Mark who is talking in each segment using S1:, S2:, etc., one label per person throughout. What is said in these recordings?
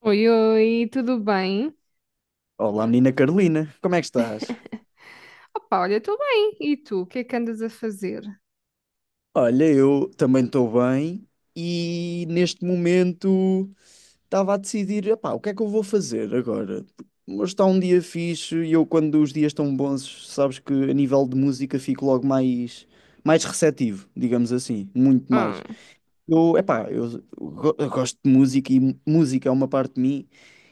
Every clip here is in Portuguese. S1: Oi, oi, tudo bem?
S2: Olá, menina Carolina, como é que estás?
S1: Opa, olha, tudo bem. E tu, o que é que andas a fazer?
S2: Olha, eu também estou bem e neste momento estava a decidir, epá, o que é que eu vou fazer agora? Hoje está um dia fixe e eu, quando os dias estão bons, sabes que a nível de música fico logo mais, mais receptivo, digamos assim, muito mais.
S1: Ah,
S2: Eu, epá, eu gosto de música e música é uma parte de mim,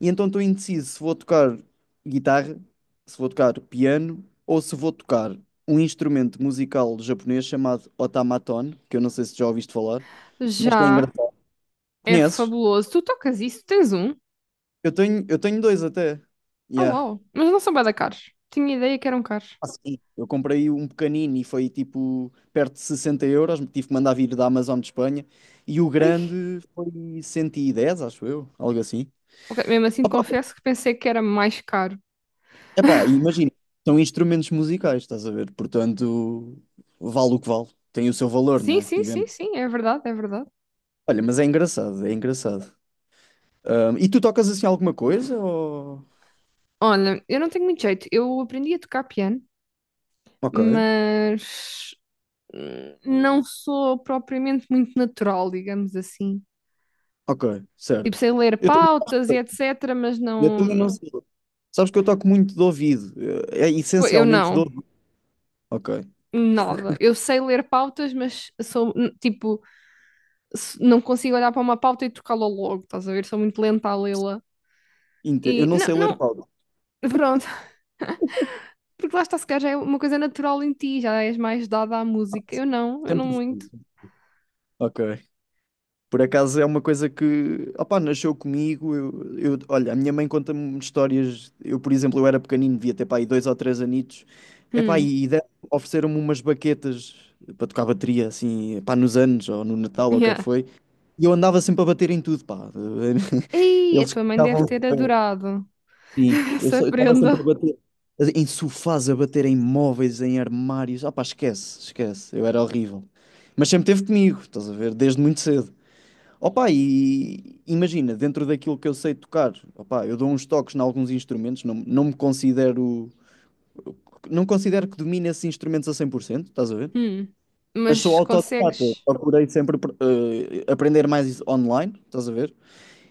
S2: e então estou indeciso se vou tocar guitarra, se vou tocar piano ou se vou tocar um instrumento musical japonês chamado otamaton, que eu não sei se já ouviste falar, mas que é
S1: já
S2: engraçado.
S1: é
S2: Conheces?
S1: fabuloso. Tu tocas isso? Tens um?
S2: Eu tenho dois até.
S1: Oh,
S2: Yeah.
S1: uau. Mas não são bué da caros. Tinha ideia que eram caros.
S2: Ah, sim. Eu comprei um pequenino e foi tipo perto de 60 euros, tive que mandar vir da Amazon de Espanha, e o
S1: Ai,
S2: grande foi 110, acho eu, algo assim.
S1: ok. Mesmo assim, confesso que pensei que era mais caro.
S2: Epá, e imagina, são instrumentos musicais, estás a ver? Portanto, vale o que vale. Tem o seu valor, não
S1: Sim,
S2: é?
S1: sim, sim,
S2: Digamos.
S1: sim, é verdade, é verdade.
S2: Olha, mas é engraçado, é engraçado. E tu tocas assim alguma coisa? Ou...
S1: Olha, eu não tenho muito jeito. Eu aprendi a tocar piano,
S2: Ok,
S1: mas não sou propriamente muito natural, digamos assim.
S2: ok,
S1: Tipo,
S2: certo.
S1: sei ler
S2: Eu também,
S1: pautas
S2: não
S1: e
S2: sei.
S1: etc, mas
S2: Eu
S1: não.
S2: também não sei. Sabes que eu toco muito de ouvido. É
S1: Eu
S2: essencialmente de
S1: não.
S2: ouvido. Ok.
S1: Nada. Eu sei ler pautas, mas sou, tipo, não consigo olhar para uma pauta e trocá-la logo, estás a ver? Sou muito lenta a lê-la.
S2: Eu
S1: E
S2: não
S1: não,
S2: sei ler
S1: não,
S2: pauta.
S1: pronto. Porque lá está, se calhar já é uma coisa natural em ti, já és mais dada à música. Eu não
S2: Sempre
S1: muito.
S2: fui. Ok. Por acaso é uma coisa que, opá, nasceu comigo. Olha, a minha mãe conta-me histórias. Eu, por exemplo, eu era pequenino, devia ter pá, aí dois ou três anitos. Epá,
S1: Hum,
S2: ofereceram-me umas baquetas para tocar bateria, assim, pá, nos anos ou no Natal ou o que é que
S1: yeah.
S2: foi. E eu andava sempre a bater em tudo, pá.
S1: Ei, a
S2: Eles
S1: tua mãe deve
S2: estavam.
S1: ter adorado
S2: Sim,
S1: essa
S2: eu estava
S1: prenda.
S2: sempre a bater. Em sofás, a bater em móveis, em armários. Ah, pá, esquece, esquece. Eu era horrível. Mas sempre teve comigo, estás a ver? Desde muito cedo. Opa, e imagina, dentro daquilo que eu sei tocar, opa, eu dou uns toques em alguns instrumentos, não, não me considero, não considero que domine esses instrumentos a 100%, estás a ver?
S1: Hum,
S2: Mas sou
S1: mas
S2: autodidata,
S1: consegues.
S2: procurei sempre aprender mais online, estás a ver?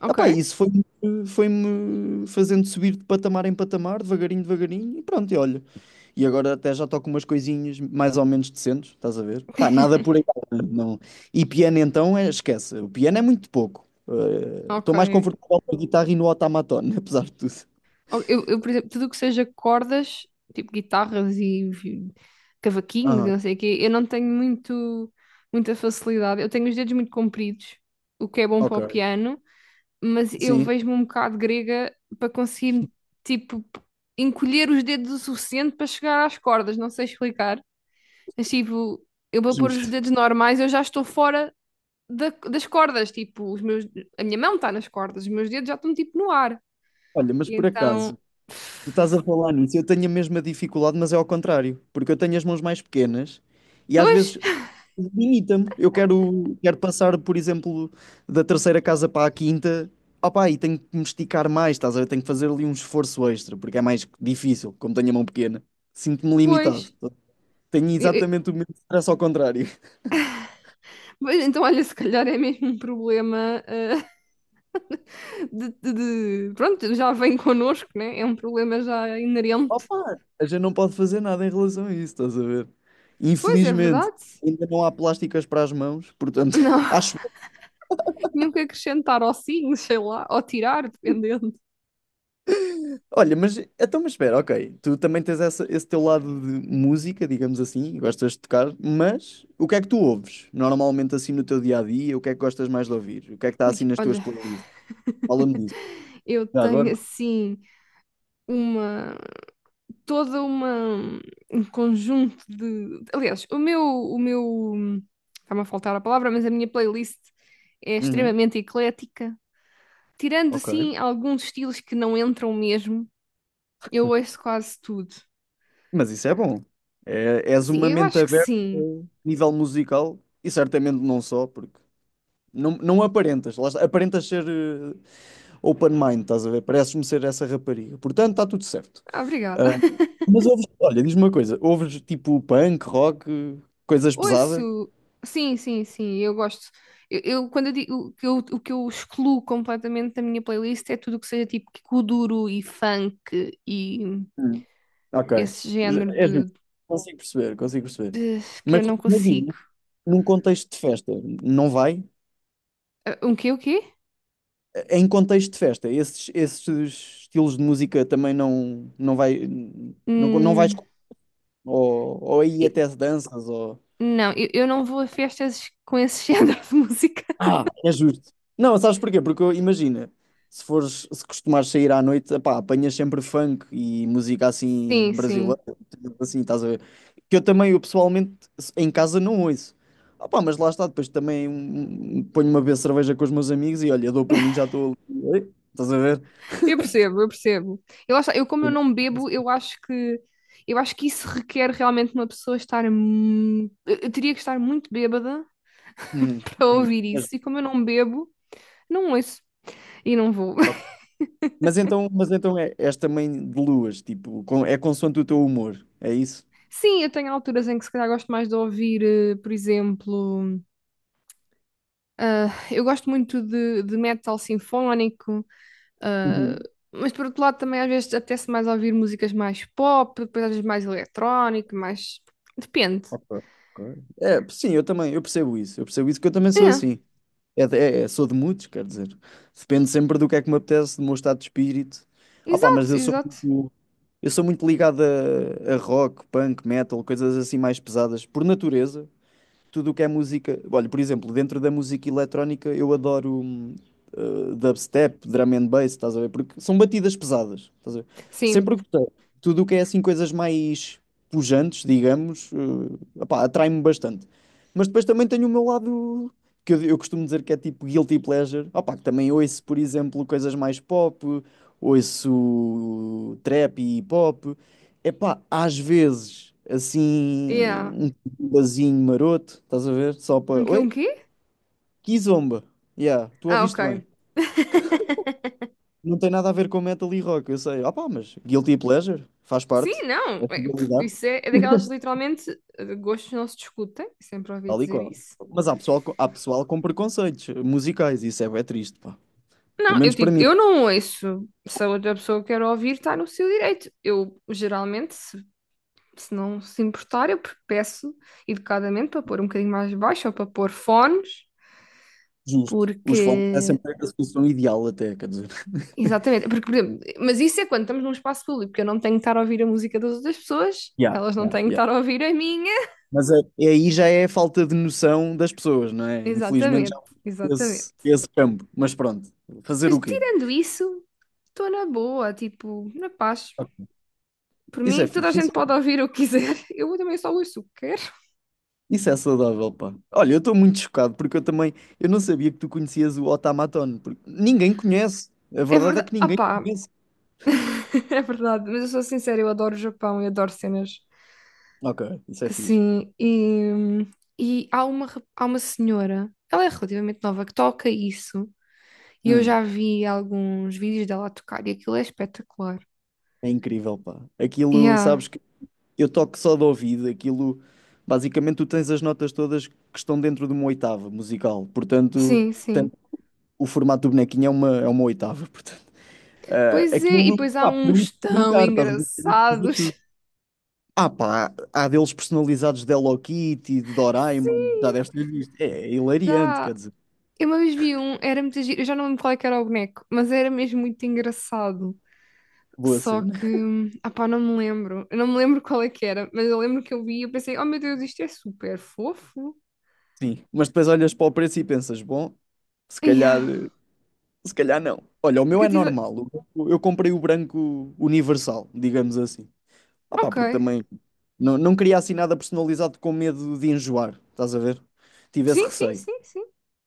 S1: Ok,
S2: Epá, isso foi-me fazendo subir de patamar em patamar, devagarinho, devagarinho, e pronto, e olha. E agora até já toco umas coisinhas mais ou menos decentes, estás a ver? Pá, nada por aí. Não. E piano então, esquece. O piano é muito pouco.
S1: ok.
S2: Estou mais confortável com a guitarra e no automaton, apesar de tudo.
S1: Ou eu, por exemplo, tudo o que seja cordas, tipo guitarras e cavaquinhos e
S2: Aham,
S1: não sei o quê, eu não tenho muito, muita facilidade. Eu tenho os dedos muito compridos, o que é bom para
S2: ok.
S1: o piano, mas eu
S2: Sim,
S1: vejo-me um bocado grega para conseguir, tipo, encolher os dedos o suficiente para chegar às cordas. Não sei explicar. Mas, tipo, eu vou pôr os
S2: justo.
S1: dedos normais, eu já estou fora das cordas. Tipo, os meus, a minha mão está nas cordas, os meus dedos já estão, tipo, no ar.
S2: Olha, mas
S1: E
S2: por acaso,
S1: então.
S2: tu estás a falar nisso, eu tenho a mesma dificuldade, mas é ao contrário, porque eu tenho as mãos mais pequenas e às
S1: Pois,
S2: vezes limita-me. Eu quero, quero passar, por exemplo, da terceira casa para a quinta. Opá, e tenho que me esticar mais, estás a ver? Tenho que fazer ali um esforço extra, porque é mais difícil, como tenho a mão pequena. Sinto-me limitado.
S1: pois.
S2: Tenho
S1: Eu- eu-
S2: exatamente o mesmo stress ao contrário.
S1: pois. Então, olha, se calhar é mesmo um problema de, pronto, já vem connosco, né? É um problema já inerente.
S2: Opa, a gente não pode fazer nada em relação a isso, estás a ver?
S1: Pois, é
S2: Infelizmente,
S1: verdade.
S2: ainda não há plásticas para as mãos, portanto,
S1: Não,
S2: acho.
S1: tinham que acrescentar ou sim, sei lá, ou tirar, dependendo.
S2: Olha, mas então, mas espera, ok. Tu também tens esse teu lado de música, digamos assim, gostas de tocar, mas o que é que tu ouves normalmente assim no teu dia a dia? O que é que gostas mais de ouvir? O que é que está
S1: Ui,
S2: assim nas tuas
S1: olha,
S2: playlists? Fala-me disso.
S1: eu
S2: Já
S1: tenho
S2: agora?
S1: assim uma... Toda uma... Um conjunto de... Aliás, o meu... O meu... está-me a faltar a palavra, mas a minha playlist é
S2: Uhum,
S1: extremamente eclética. Tirando
S2: ok.
S1: assim alguns estilos que não entram mesmo, eu ouço quase tudo.
S2: Mas isso é bom. É, és
S1: Sim,
S2: uma
S1: eu
S2: mente
S1: acho que
S2: aberta a
S1: sim.
S2: nível musical e certamente não só, porque não, não aparentas, lá está, aparentas ser open mind, estás a ver? Pareces-me ser essa rapariga. Portanto, está tudo certo.
S1: Ah, obrigada.
S2: Ah, mas ouves, olha, diz-me uma coisa, ouves tipo punk, rock, coisas pesadas?
S1: Ouço. Sim, sim, sim, eu gosto. Quando eu digo que o que eu excluo completamente da minha playlist é tudo o que seja tipo kuduro e funk e
S2: Hum. Ok.
S1: esse género
S2: És
S1: de,
S2: justo. Consigo perceber, consigo perceber.
S1: de- que eu
S2: Mas
S1: não consigo.
S2: imagina, num contexto de festa, não vai?
S1: Ah, um quê, o quê?
S2: Em contexto de festa, esses, esses estilos de música também não, não vai, não, não vais,
S1: Hum,
S2: ou aí
S1: e-
S2: até se danças.
S1: não, eu não vou a festas com esse género de música.
S2: Ah, é justo. Não, sabes porquê? Porque imagina, se fores, se costumares sair à noite, epá, apanhas sempre funk e música
S1: Sim,
S2: assim
S1: sim.
S2: brasileira, tipo assim, estás a ver? Que eu também, eu pessoalmente, em casa não ouço. Ah, pá, mas lá está, depois também ponho uma vez cerveja com os meus amigos e olha, dou por mim, já estou ali. Estás a ver?
S1: Eu percebo, eu percebo. Eu, lá eu como eu
S2: Uhum,
S1: não bebo, eu acho que isso requer realmente uma pessoa estar eu teria que estar muito bêbada para
S2: uhum.
S1: ouvir
S2: É
S1: isso.
S2: justo.
S1: E como eu não bebo, não ouço e não vou.
S2: Mas então é, és também de luas, tipo, é consoante o teu humor, é isso?
S1: Sim, eu tenho alturas em que se calhar gosto mais de ouvir, por exemplo, ah, eu gosto muito de metal sinfónico, ah,
S2: Uhum.
S1: mas por outro lado também às vezes apetece mais ouvir músicas mais pop, depois às vezes mais eletrónico, mais. Depende.
S2: Ok, ok. É, sim, eu também, eu percebo isso. Eu percebo isso que eu também sou
S1: É.
S2: assim. É, sou de muitos, quer dizer. Depende sempre do que é que me apetece, do meu estado de espírito. Ah, pá, mas
S1: Exato, exato.
S2: eu sou muito ligado a rock, punk, metal, coisas assim mais pesadas, por natureza tudo o que é música. Olha, por exemplo, dentro da música eletrónica eu adoro dubstep, drum and bass, estás a ver? Porque são batidas pesadas, estás a ver?
S1: Sim.
S2: Sempre gostei. Tudo o que é assim coisas mais pujantes, digamos, opá, atrai-me bastante. Mas depois também tenho o meu lado que eu costumo dizer que é tipo guilty pleasure, opá, que também ouço, por exemplo, coisas mais pop, ouço trap e hip hop. Epá, às vezes, assim,
S1: Yeah.
S2: um basinho maroto, estás a ver? Só
S1: Um
S2: para.
S1: quê? Um
S2: Oi?
S1: quê?
S2: Kizomba. Yeah, tu
S1: Ah, ok.
S2: ouviste bem. Não tem nada a ver com metal e rock, eu sei. Ah pá, mas Guilty Pleasure faz
S1: Sim,
S2: parte.
S1: não.
S2: É
S1: É, pff,
S2: realidade,
S1: isso é, é daquelas literalmente de gostos não se discutem. Sempre ouvi
S2: tal e
S1: dizer
S2: qual.
S1: isso.
S2: Mas há pessoal, há pessoal com preconceitos musicais, isso é bem triste, pá. Pelo
S1: Não, eu
S2: menos para
S1: tipo,
S2: mim.
S1: eu não ouço. Se a outra pessoa quer ouvir, está no seu direito. Eu geralmente, se não se importar, eu peço educadamente para pôr um bocadinho mais baixo ou para pôr fones,
S2: Justo. Os fones é
S1: porque.
S2: sempre a solução ideal, até, quer dizer.
S1: Exatamente, porque, por exemplo, mas isso é quando estamos num espaço público, porque eu não tenho que estar a ouvir a música das outras pessoas,
S2: Yeah,
S1: elas não
S2: yeah,
S1: têm que
S2: yeah.
S1: estar a ouvir a minha.
S2: Mas é- é aí já é a falta de noção das pessoas, não é? Infelizmente já
S1: Exatamente,
S2: há
S1: exatamente.
S2: esse, esse campo. Mas pronto, fazer
S1: Mas
S2: o quê?
S1: tirando isso, estou na boa, tipo, na paz.
S2: Ok.
S1: Por
S2: Isso é
S1: mim, toda a
S2: fixe.
S1: gente pode ouvir o que quiser. Eu também só ouço o que quero.
S2: Isso é saudável, pá. Olha, eu estou muito chocado porque eu também, eu não sabia que tu conhecias o Otamatone, porque ninguém conhece. A
S1: É
S2: verdade é
S1: verdade.
S2: que
S1: Ah
S2: ninguém
S1: pá,
S2: conhece.
S1: é verdade. Mas eu sou sincera, eu adoro o Japão e adoro cenas
S2: Ok, isso é fixe.
S1: assim. E há uma, há uma senhora, ela é relativamente nova, que toca isso. E eu
S2: Hum,
S1: já vi alguns vídeos dela a tocar e aquilo é espetacular.
S2: é incrível, pá. Aquilo,
S1: Yeah,
S2: sabes que eu toco só de ouvido, aquilo, basicamente tu tens as notas todas que estão dentro de uma oitava musical, portanto,
S1: sim,
S2: tem-
S1: sim.
S2: o formato do bonequinho é uma oitava, portanto. Ah,
S1: Pois é, e
S2: aquilo,
S1: depois há
S2: pá,
S1: uns
S2: permite
S1: tão
S2: brincar, estás a ver? Permite fazer
S1: engraçados.
S2: tudo. Ah pá, há deles personalizados de Hello Kitty, de Doraemon, já
S1: Sim,
S2: deves ter visto. É, é hilariante,
S1: já.
S2: quer dizer,
S1: Eu uma vez vi um, era muito giro, eu já não lembro qual é que era o boneco, mas era mesmo muito engraçado.
S2: boa
S1: Só
S2: cena.
S1: que, ah pá, não me lembro. Eu não me lembro qual é que era, mas eu lembro que eu vi e eu pensei, oh meu Deus, isto é super fofo.
S2: Sim, mas depois olhas para o preço e pensas, bom, se calhar,
S1: Yeah.
S2: se calhar não. Olha, o meu
S1: Que eu
S2: é
S1: tive,
S2: normal, eu comprei o branco universal, digamos assim. Ah pá, porque
S1: ok.
S2: também não, não queria assim nada personalizado com medo de enjoar, estás a ver? Tive esse
S1: Sim, sim,
S2: receio.
S1: sim, sim.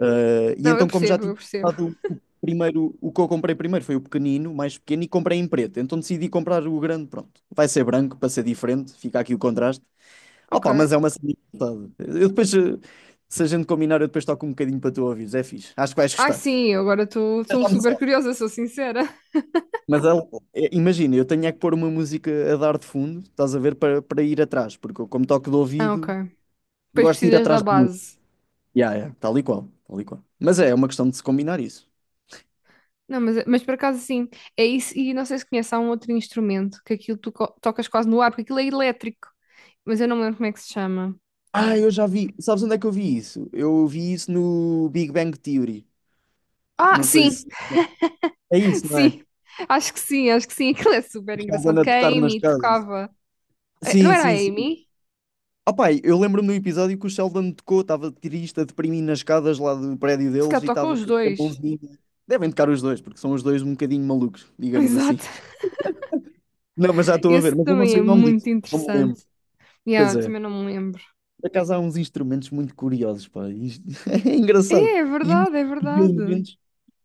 S2: E
S1: Não, eu
S2: então, como já
S1: percebo,
S2: tinha
S1: eu percebo.
S2: comprado o primeiro, o que eu comprei primeiro foi o pequenino, o mais pequeno, e comprei em preto. Então decidi comprar o grande, pronto. Vai ser branco para ser diferente, fica aqui o contraste.
S1: Ok.
S2: Opa, mas é uma cena engraçada. Eu depois, se a gente combinar, eu depois toco um bocadinho para tu ouvires, é fixe. Acho que vais
S1: Ah,
S2: gostar.
S1: sim, eu agora estou
S2: Já me
S1: super
S2: sabe.
S1: curiosa, sou sincera.
S2: Mas ela- É, imagina, eu tenho é que pôr uma música a dar de fundo, estás a ver, para, para ir atrás, porque eu, como toco de
S1: Ah, ok.
S2: ouvido,
S1: Depois
S2: gosto de ir
S1: precisas da
S2: atrás de música.
S1: base.
S2: Yeah, yeah, tal e qual, tal e qual. Mas é, é uma questão de se combinar isso.
S1: Não, mas por acaso sim, é isso, e não sei se conhece, há um outro instrumento que aquilo tu tocas quase no ar, porque aquilo é elétrico, mas eu não me lembro como é que se chama.
S2: Ah, eu já vi. Sabes onde é que eu vi isso? Eu vi isso no Big Bang Theory.
S1: Ah,
S2: Não sei
S1: sim,
S2: se. É isso, não é?
S1: sim, acho que sim, acho que sim, aquilo é super
S2: O Sheldon
S1: engraçado,
S2: a
S1: que a
S2: tocar nas
S1: Amy
S2: casas.
S1: tocava. Eh, não
S2: Sim,
S1: era a
S2: sim, sim.
S1: Amy?
S2: Ah, pá, eu lembro-me do episódio que o Sheldon tocou, estava triste, a deprimir nas escadas lá do prédio
S1: Se calhar
S2: deles e
S1: tocam
S2: estava
S1: os
S2: com a
S1: dois,
S2: mãozinha. Devem tocar os dois, porque são os dois um bocadinho malucos, digamos assim.
S1: exato,
S2: Não, mas já estou a
S1: esse
S2: ver, mas eu não
S1: também
S2: sei
S1: é
S2: o nome disso,
S1: muito
S2: não me lembro.
S1: interessante,
S2: Pois
S1: yeah,
S2: é.
S1: também não me lembro.
S2: Por acaso há uns instrumentos muito curiosos, pá. Isto- é engraçado.
S1: É, é
S2: E os
S1: verdade, é verdade,
S2: elementos.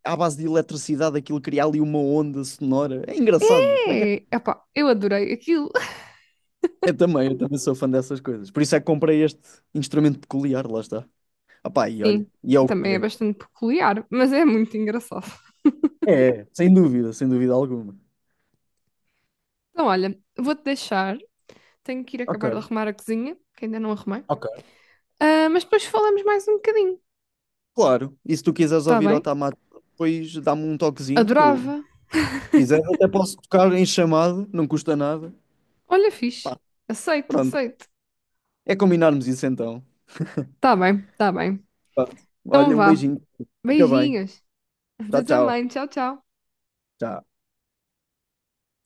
S2: À base de eletricidade aquilo cria ali uma onda sonora. É engraçado. Como é que é?
S1: é, epá, eu adorei aquilo,
S2: Eu também sou fã dessas coisas. Por isso é que comprei este instrumento peculiar, lá está. Opá, e olha,
S1: sim,
S2: e é o que
S1: também é
S2: é.
S1: bastante peculiar, mas é muito engraçado.
S2: É, sem dúvida, sem dúvida alguma.
S1: Então, olha, vou-te deixar. Tenho que ir
S2: Ok,
S1: acabar de arrumar a cozinha, que ainda não arrumei.
S2: ok.
S1: Ah, mas depois falamos mais um bocadinho,
S2: Claro, e se tu quiseres
S1: tá
S2: ouvir
S1: bem?
S2: Otamate, depois dá-me um toquezinho, que eu
S1: Adorava.
S2: se quiser até posso tocar em chamado, não custa nada.
S1: Olha, fixe.
S2: Pá,
S1: Aceito,
S2: pronto,
S1: aceito.
S2: é combinarmos isso então.
S1: Tá bem, tá bem.
S2: Pronto.
S1: Então
S2: Olha, um
S1: vá.
S2: beijinho. Fica bem.
S1: Beijinhos.
S2: Tchau,
S1: Tu
S2: tchau.
S1: também. Tchau, tchau.
S2: Tchau.